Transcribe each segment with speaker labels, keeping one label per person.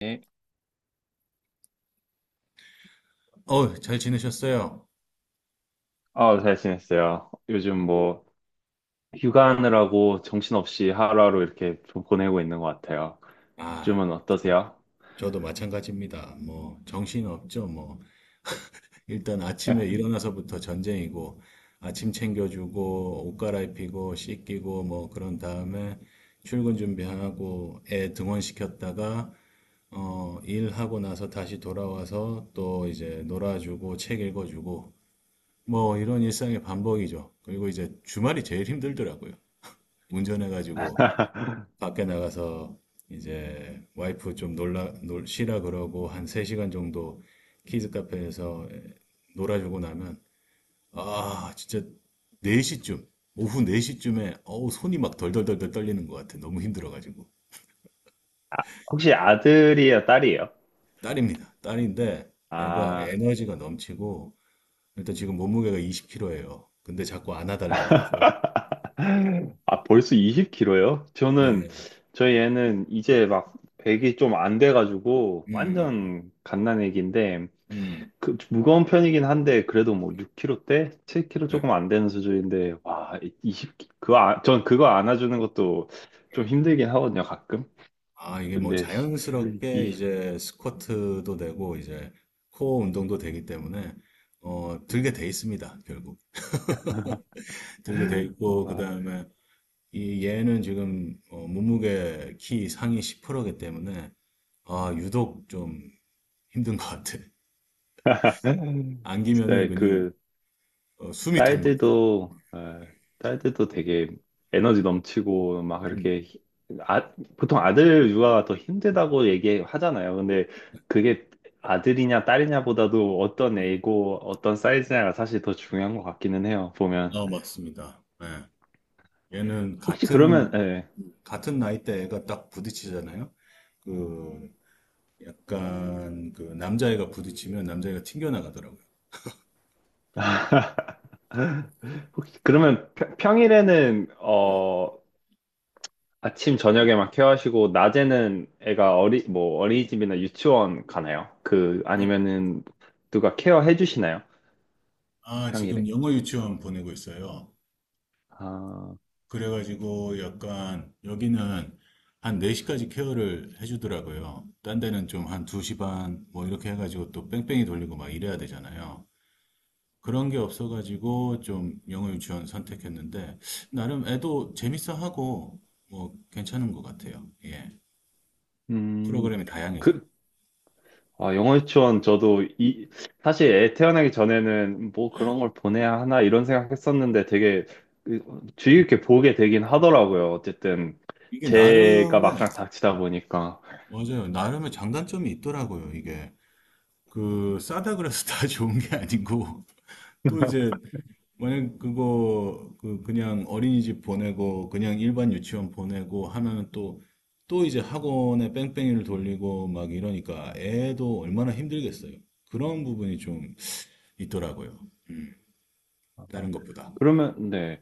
Speaker 1: 네.
Speaker 2: 잘 지내셨어요?
Speaker 1: 아, 잘 지냈어요. 요즘 뭐 휴가하느라고 정신없이 하루하루 이렇게 좀 보내고 있는 것 같아요.
Speaker 2: 아,
Speaker 1: 요즘은 어떠세요?
Speaker 2: 저도 마찬가지입니다. 뭐, 정신 없죠, 뭐. 일단 아침에 일어나서부터 전쟁이고, 아침 챙겨주고, 옷 갈아입히고, 씻기고, 뭐, 그런 다음에 출근 준비하고, 애 등원시켰다가, 일하고 나서 다시 돌아와서 또 이제 놀아주고, 책 읽어주고, 뭐, 이런 일상의 반복이죠. 그리고 이제 주말이 제일 힘들더라고요. 운전해가지고 밖에 나가서 이제 와이프 좀 쉬라 그러고 한 3시간 정도 키즈 카페에서 놀아주고 나면 아, 진짜 4시쯤, 오후 4시쯤에 어우, 손이 막 덜덜덜덜 떨리는 것 같아. 너무 힘들어가지고.
Speaker 1: 혹시 아들이에요, 딸이에요?
Speaker 2: 딸입니다. 딸인데 애가
Speaker 1: 아,
Speaker 2: 에너지가 넘치고 일단 지금 몸무게가 20kg예요. 근데 자꾸 안아달라 그래서
Speaker 1: 아 벌써 20kg요? 저는
Speaker 2: 네.
Speaker 1: 저희 애는 이제 막 배기 이좀 안 돼가지고
Speaker 2: 음, 음,
Speaker 1: 완전 갓난 애기인데
Speaker 2: 음, 음.
Speaker 1: 그 무거운 편이긴 한데 그래도 뭐 6kg대, 7kg
Speaker 2: 네.
Speaker 1: 조금 안 되는 수준인데 와 20, 그거 안- 전 그거 안아주는 것도 좀 힘들긴 하거든요 가끔.
Speaker 2: 아, 이게 뭐
Speaker 1: 근데
Speaker 2: 자연스럽게
Speaker 1: 이,
Speaker 2: 이제 스쿼트도 되고 이제 코어 운동도 되기 때문에 들게 돼 있습니다, 결국. 들게 돼 있고
Speaker 1: 와,
Speaker 2: 그다음에 이 얘는 지금 몸무게 키 상위 10%이기 때문에 아, 유독 좀 힘든 것 같아. 안기면은
Speaker 1: 진짜
Speaker 2: 그냥
Speaker 1: 그
Speaker 2: 숨이 턱 막혀요.
Speaker 1: 딸들도 어, 딸들도 되게 에너지 넘치고 막
Speaker 2: 음,
Speaker 1: 이렇게 아, 보통 아들 육아가 더 힘들다고 얘기하잖아요. 근데 그게 아들이냐 딸이냐보다도 어떤
Speaker 2: 음.
Speaker 1: 애고 어떤 사이즈냐가 사실 더 중요한 것 같기는 해요. 보면
Speaker 2: 아, 맞습니다. 예. 얘는
Speaker 1: 혹시 그러면
Speaker 2: 같은
Speaker 1: 예.
Speaker 2: 같은 나이대 애가 딱 부딪히잖아요. 그 약간 그 남자애가 부딪히면 남자애가 튕겨나가더라고요.
Speaker 1: 혹시 그러면 평일에는
Speaker 2: 네.
Speaker 1: 아침 저녁에만 케어하시고 낮에는 애가 어리 뭐 어린이집이나 유치원 가나요? 그 아니면은 누가 케어해 주시나요?
Speaker 2: 아, 지금
Speaker 1: 평일에?
Speaker 2: 영어 유치원 보내고 있어요.
Speaker 1: 아,
Speaker 2: 그래가지고 약간 여기는 한 4시까지 케어를 해주더라고요. 딴 데는 좀 한 2시 반 뭐 이렇게 해가지고 또 뺑뺑이 돌리고 막 이래야 되잖아요. 그런 게 없어가지고 좀 영어 유치원 선택했는데 나름 애도 재밌어 하고 뭐 괜찮은 것 같아요. 예.
Speaker 1: 음,
Speaker 2: 프로그램이 다양해서.
Speaker 1: 그, 영어 유치원 저도 사실 애 태어나기 전에는 뭐 그런 걸 보내야 하나 이런 생각했었는데 되게 그, 주의 깊게 보게 되긴 하더라고요. 어쨌든
Speaker 2: 이게
Speaker 1: 제가
Speaker 2: 나름의,
Speaker 1: 막상 닥치다 보니까.
Speaker 2: 맞아요. 나름의 장단점이 있더라고요. 이게 그 싸다 그래서 다 좋은 게 아니고 또 이제 만약 그거 그 그냥 어린이집 보내고 그냥 일반 유치원 보내고 하면은 또 이제 학원에 뺑뺑이를 돌리고 막 이러니까 애도 얼마나 힘들겠어요. 그런 부분이 좀 있더라고요.
Speaker 1: 아,
Speaker 2: 다른 것보다.
Speaker 1: 그러면, 네.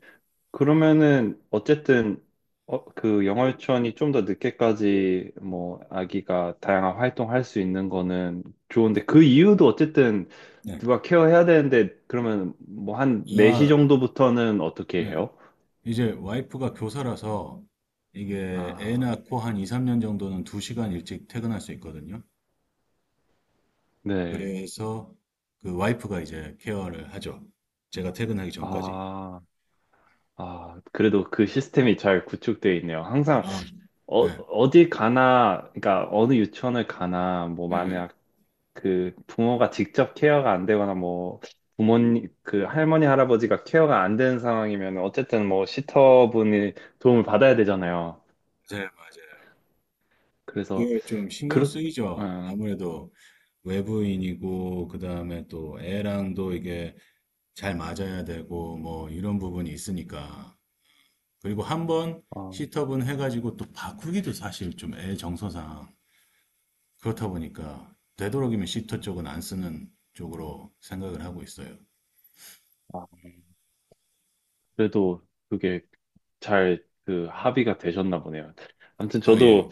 Speaker 1: 그러면은 어쨌든 그 영월천이 좀 더 늦게까지 뭐 아기가 다양한 활동할 수 있는 거는 좋은데 그 이유도 어쨌든
Speaker 2: 네.
Speaker 1: 누가 케어해야 되는데 그러면 뭐 한 4시
Speaker 2: 아,
Speaker 1: 정도부터는 어떻게
Speaker 2: 네.
Speaker 1: 해요?
Speaker 2: 이제 와이프가 교사라서 이게 애
Speaker 1: 아,
Speaker 2: 낳고 한 2, 3년 정도는 2시간 일찍 퇴근할 수 있거든요.
Speaker 1: 네.
Speaker 2: 그래서 그 와이프가 이제 케어를 하죠. 제가 퇴근하기 전까지.
Speaker 1: 아, 아, 그래도 그 시스템이 잘 구축되어 있네요. 항상
Speaker 2: 아, 네.
Speaker 1: 어디 가나, 그러니까 어느 유치원을 가나, 뭐
Speaker 2: 네.
Speaker 1: 만약 그 부모가 직접 케어가 안 되거나 뭐 부모님 그 할머니 할아버지가 케어가 안 되는 상황이면 어쨌든 뭐 시터분이 도움을 받아야 되잖아요.
Speaker 2: 맞아요, 맞아요.
Speaker 1: 그래서
Speaker 2: 그게 좀 신경
Speaker 1: 그렇
Speaker 2: 쓰이죠.
Speaker 1: 어,
Speaker 2: 아무래도 외부인이고, 그 다음에 또 애랑도 이게 잘 맞아야 되고, 뭐 이런 부분이 있으니까. 그리고 한 번
Speaker 1: 어,
Speaker 2: 시터분 해가지고 또 바꾸기도 사실 좀 애 정서상 그렇다 보니까 되도록이면 시터 쪽은 안 쓰는 쪽으로 생각을 하고 있어요.
Speaker 1: 아, 그래도 그게 잘 그 합의가 되셨나 보네요. 아무튼
Speaker 2: 아, 예.
Speaker 1: 저도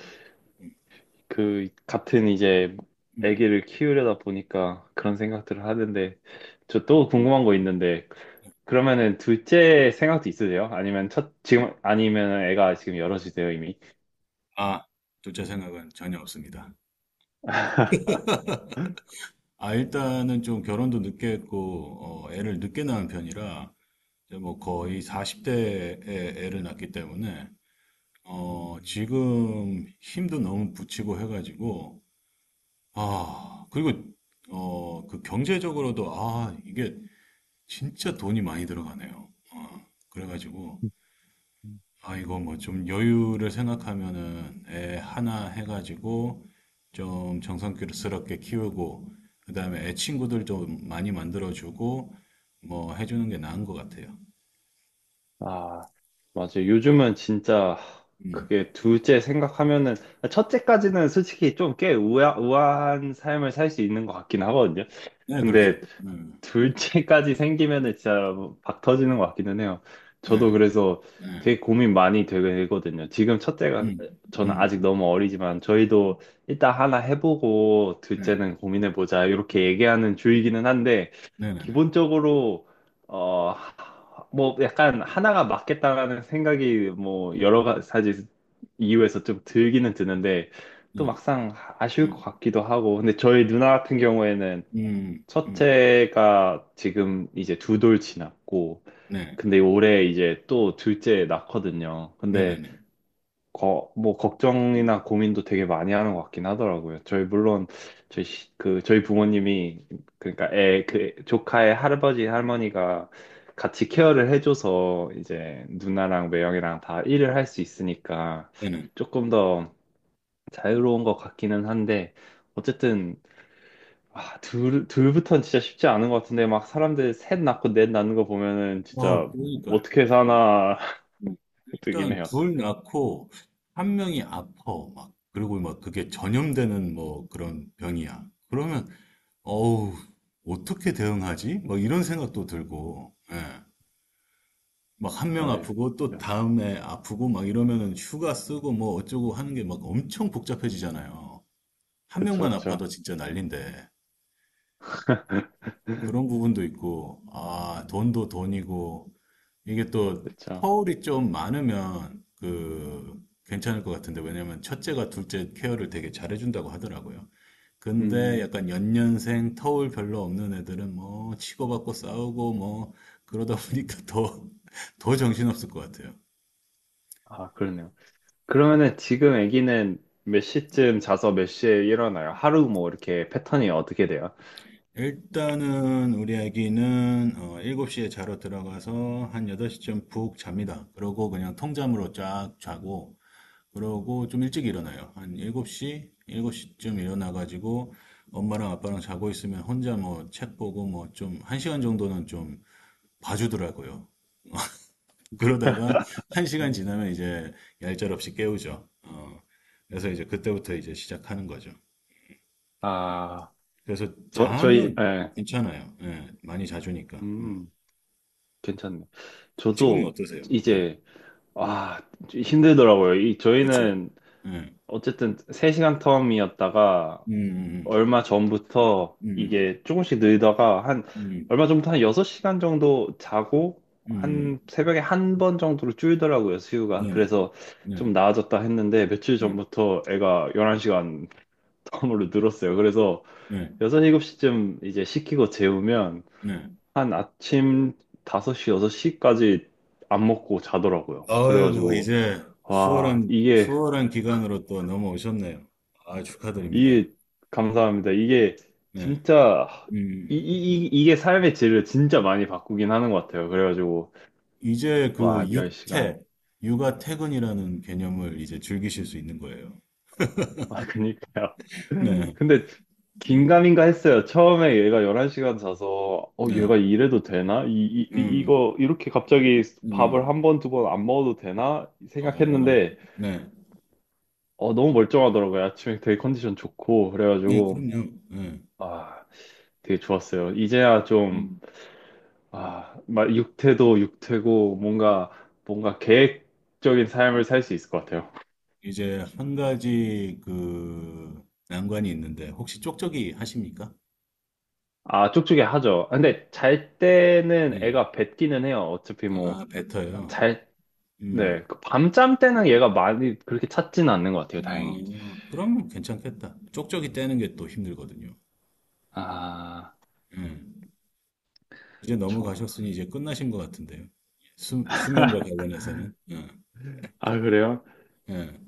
Speaker 1: 그 같은 이제 아기를 키우려다 보니까 그런 생각들을 하는데 저 또 궁금한 거 있는데 그러면은 둘째 생각도 있으세요? 아니면 첫 지금 아니면 애가 지금 여럿이세요 이미?
Speaker 2: 아, 둘째 생각은 전혀 없습니다. 아, 일단은 좀 결혼도 늦게 했고, 애를 늦게 낳은 편이라, 이제 뭐 거의 40대에 애를 낳기 때문에,
Speaker 1: 음.
Speaker 2: 지금 힘도 너무 붙이고 해가지고, 아, 그리고, 그 경제적으로도, 아, 이게 진짜 돈이 많이 들어가네요. 그래가지고, 아, 이거 뭐 좀 여유를 생각하면은 애 하나 해가지고 좀 정성스럽게 키우고 그다음에 애 친구들 좀 많이 만들어주고 뭐 해주는 게 나은 것 같아요.
Speaker 1: 아, 맞아요. 요즘은 진짜
Speaker 2: 음.
Speaker 1: 그게 둘째 생각하면은 첫째까지는 솔직히 좀 꽤 우아한 삶을 살 수 있는 것 같긴 하거든요.
Speaker 2: 네, 그렇죠.
Speaker 1: 근데
Speaker 2: 네,
Speaker 1: 둘째까지 생기면은 진짜 박 터지는 것 같기는 해요. 저도
Speaker 2: 네,
Speaker 1: 그래서
Speaker 2: 네,
Speaker 1: 되게 고민 많이 되거든요. 지금 첫째가
Speaker 2: 음,
Speaker 1: 저는
Speaker 2: 음,
Speaker 1: 아직 너무 어리지만 저희도 일단 하나 해보고
Speaker 2: 네,
Speaker 1: 둘째는 고민해보자 이렇게 얘기하는 주의기는 한데
Speaker 2: 네, 네, 네,
Speaker 1: 기본적으로 어 뭐 약간 하나가 맞겠다라는 생각이 뭐 여러 가지 이유에서 좀 들기는 드는데 또
Speaker 2: 네,
Speaker 1: 막상 아쉬울
Speaker 2: 네,
Speaker 1: 것 같기도 하고 근데 저희 누나 같은 경우에는
Speaker 2: 음, 음,
Speaker 1: 첫째가 지금 이제 두 돌 지났고,
Speaker 2: 네,
Speaker 1: 근데 올해 이제 또 둘째 낳거든요.
Speaker 2: 네, 네,
Speaker 1: 근데
Speaker 2: 네,
Speaker 1: 뭐 걱정이나 고민도 되게 많이 하는 것 같긴 하더라고요. 저희 물론 저희 부모님이 그러니까 애 그 조카의 할아버지 할머니가 같이 케어를 해줘서 이제 누나랑 매형이랑 다 일을 할 수 있으니까
Speaker 2: 네, 네.
Speaker 1: 조금 더 자유로운 것 같기는 한데. 어쨌든 아, 둘부터는 진짜 쉽지 않은 것 같은데, 막 사람들 셋 낳고 넷 낳는 거 보면은 진짜
Speaker 2: 그러니까요.
Speaker 1: 어떻게 사나 뜨긴
Speaker 2: 일단
Speaker 1: 해요.
Speaker 2: 둘 낳고 한 명이 아파 막 그리고 막 그게 전염되는 뭐 그런 병이야. 그러면 어우 어떻게 대응하지? 막 이런 생각도 들고 예. 막한 명
Speaker 1: 맞아요.
Speaker 2: 아프고 또 다음에 아프고 막 이러면은 휴가 쓰고 뭐 어쩌고 하는 게 막 엄청 복잡해지잖아요. 한
Speaker 1: 그쵸,
Speaker 2: 명만
Speaker 1: 그쵸.
Speaker 2: 아파도 진짜 난린데 그런 부분도 있고 아 돈도 돈이고 이게 또
Speaker 1: 그쵸.
Speaker 2: 터울이 좀 많으면 그 괜찮을 것 같은데 왜냐면 첫째가 둘째 케어를 되게 잘해준다고 하더라고요. 근데
Speaker 1: 음,
Speaker 2: 약간 연년생 터울 별로 없는 애들은 뭐 치고받고 싸우고 뭐 그러다 보니까 더, 더 정신없을 것 같아요.
Speaker 1: 아, 그러네요. 그러면은 지금 아기는 몇 시쯤 자서 몇 시에 일어나요? 하루 뭐 이렇게 패턴이 어떻게 돼요?
Speaker 2: 일단은 우리 아기는 7시에 자러 들어가서 한 8시쯤 푹 잡니다. 그러고 그냥 통잠으로 쫙 자고 그러고 좀 일찍 일어나요. 한 7시, 7시쯤 일어나가지고 엄마랑 아빠랑 자고 있으면 혼자 뭐 책 보고 뭐 좀 1시간 정도는 좀 봐주더라고요. 그러다가 1시간 지나면 이제 얄짤없이 깨우죠. 그래서 이제 그때부터 이제 시작하는 거죠.
Speaker 1: 아,
Speaker 2: 그래서
Speaker 1: 저희,
Speaker 2: 잠은
Speaker 1: 예.
Speaker 2: 괜찮아요. 예, 많이 자주니까. 음.
Speaker 1: 음, 괜찮네.
Speaker 2: 지금은
Speaker 1: 저도
Speaker 2: 어떠세요? 네.
Speaker 1: 이제, 아, 힘들더라고요.
Speaker 2: 그렇죠.
Speaker 1: 저희는
Speaker 2: 예.
Speaker 1: 어쨌든 3시간 텀이었다가
Speaker 2: 음,
Speaker 1: 얼마 전부터
Speaker 2: 음,
Speaker 1: 이게 조금씩 늘다가 한
Speaker 2: 음,
Speaker 1: 얼마 전부터 한 6시간 정도 자고
Speaker 2: 음,
Speaker 1: 한
Speaker 2: 음,
Speaker 1: 새벽에 한 번 정도로 줄더라고요, 수유가.
Speaker 2: 네, 네,
Speaker 1: 그래서
Speaker 2: 네,
Speaker 1: 좀 나아졌다 했는데 며칠
Speaker 2: 네,
Speaker 1: 전부터 애가 11시간 텀으로 늘었어요. 그래서
Speaker 2: 네.
Speaker 1: 6, 7시쯤 이제 시키고 재우면
Speaker 2: 네.
Speaker 1: 한 아침 5시, 6시까지 안 먹고 자더라고요.
Speaker 2: 아이고,
Speaker 1: 그래가지고
Speaker 2: 이제
Speaker 1: 와,
Speaker 2: 수월한,
Speaker 1: 이게
Speaker 2: 수월한 기간으로 또 넘어오셨네요. 아, 축하드립니다.
Speaker 1: 이게 감사합니다. 이게
Speaker 2: 네.
Speaker 1: 진짜
Speaker 2: 음,
Speaker 1: 이게 삶의 질을 진짜 많이 바꾸긴 하는 것 같아요. 그래가지고
Speaker 2: 이제 그
Speaker 1: 와,
Speaker 2: 육퇴,
Speaker 1: 10시간.
Speaker 2: 육아 퇴근이라는 개념을 이제 즐기실 수 있는 거예요.
Speaker 1: 아, 그니까요.
Speaker 2: 네.
Speaker 1: 근데
Speaker 2: 음,
Speaker 1: 긴가민가 했어요. 처음에 얘가 11시간 자서
Speaker 2: 네.
Speaker 1: 얘가 이래도 되나?
Speaker 2: 음,
Speaker 1: 이거 이렇게 갑자기 밥을
Speaker 2: 음.
Speaker 1: 한 번, 두 번 안 먹어도 되나?
Speaker 2: 아,
Speaker 1: 생각했는데
Speaker 2: 네.
Speaker 1: 너무 멀쩡하더라고요. 아침에 되게 컨디션 좋고
Speaker 2: 네,
Speaker 1: 그래가지고
Speaker 2: 그럼요. 네.
Speaker 1: 아, 되게 좋았어요. 이제야 좀
Speaker 2: 음.
Speaker 1: 아, 막 육태도 육태고 뭔가 계획적인 삶을 살 수 있을 것 같아요.
Speaker 2: 이제 한 가지 그 난관이 있는데, 혹시 쪽쪽이 하십니까?
Speaker 1: 아, 쪽쪽이 하죠. 아, 근데 잘 때는
Speaker 2: 네.
Speaker 1: 애가 뱉기는 해요. 어차피 뭐
Speaker 2: 아, 뱉어요.
Speaker 1: 잘, 네. 그 밤잠 때는 얘가 많이 그렇게 찾지는 않는 것 같아요, 다행히.
Speaker 2: 그러면 괜찮겠다. 쪽쪽이 떼는 게 또 힘들거든요.
Speaker 1: 아,
Speaker 2: 예. 이제
Speaker 1: 저.
Speaker 2: 넘어가셨으니 이제 끝나신 것 같은데요. 수면과 관련해서는. 예,
Speaker 1: 아, 그래요?
Speaker 2: 예.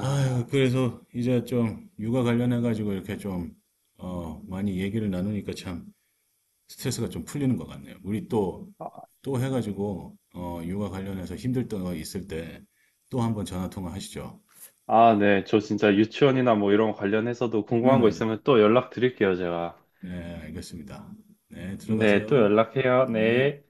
Speaker 2: 아유, 그래서 이제 좀 육아 관련해가지고 이렇게 좀, 많이 얘기를 나누니까 참 스트레스가 좀 풀리는 것 같네요. 우리 또 해가지고, 육아 관련해서 힘들 때가 있을 때 또 한번 전화 통화 하시죠.
Speaker 1: 아, 네. 저 진짜 유치원이나 뭐 이런 거 관련해서도 궁금한 거
Speaker 2: 네네네.
Speaker 1: 있으면 또 연락 드릴게요, 제가.
Speaker 2: 네, 알겠습니다. 네,
Speaker 1: 네,
Speaker 2: 들어가세요.
Speaker 1: 또 연락해요.
Speaker 2: 네.
Speaker 1: 네.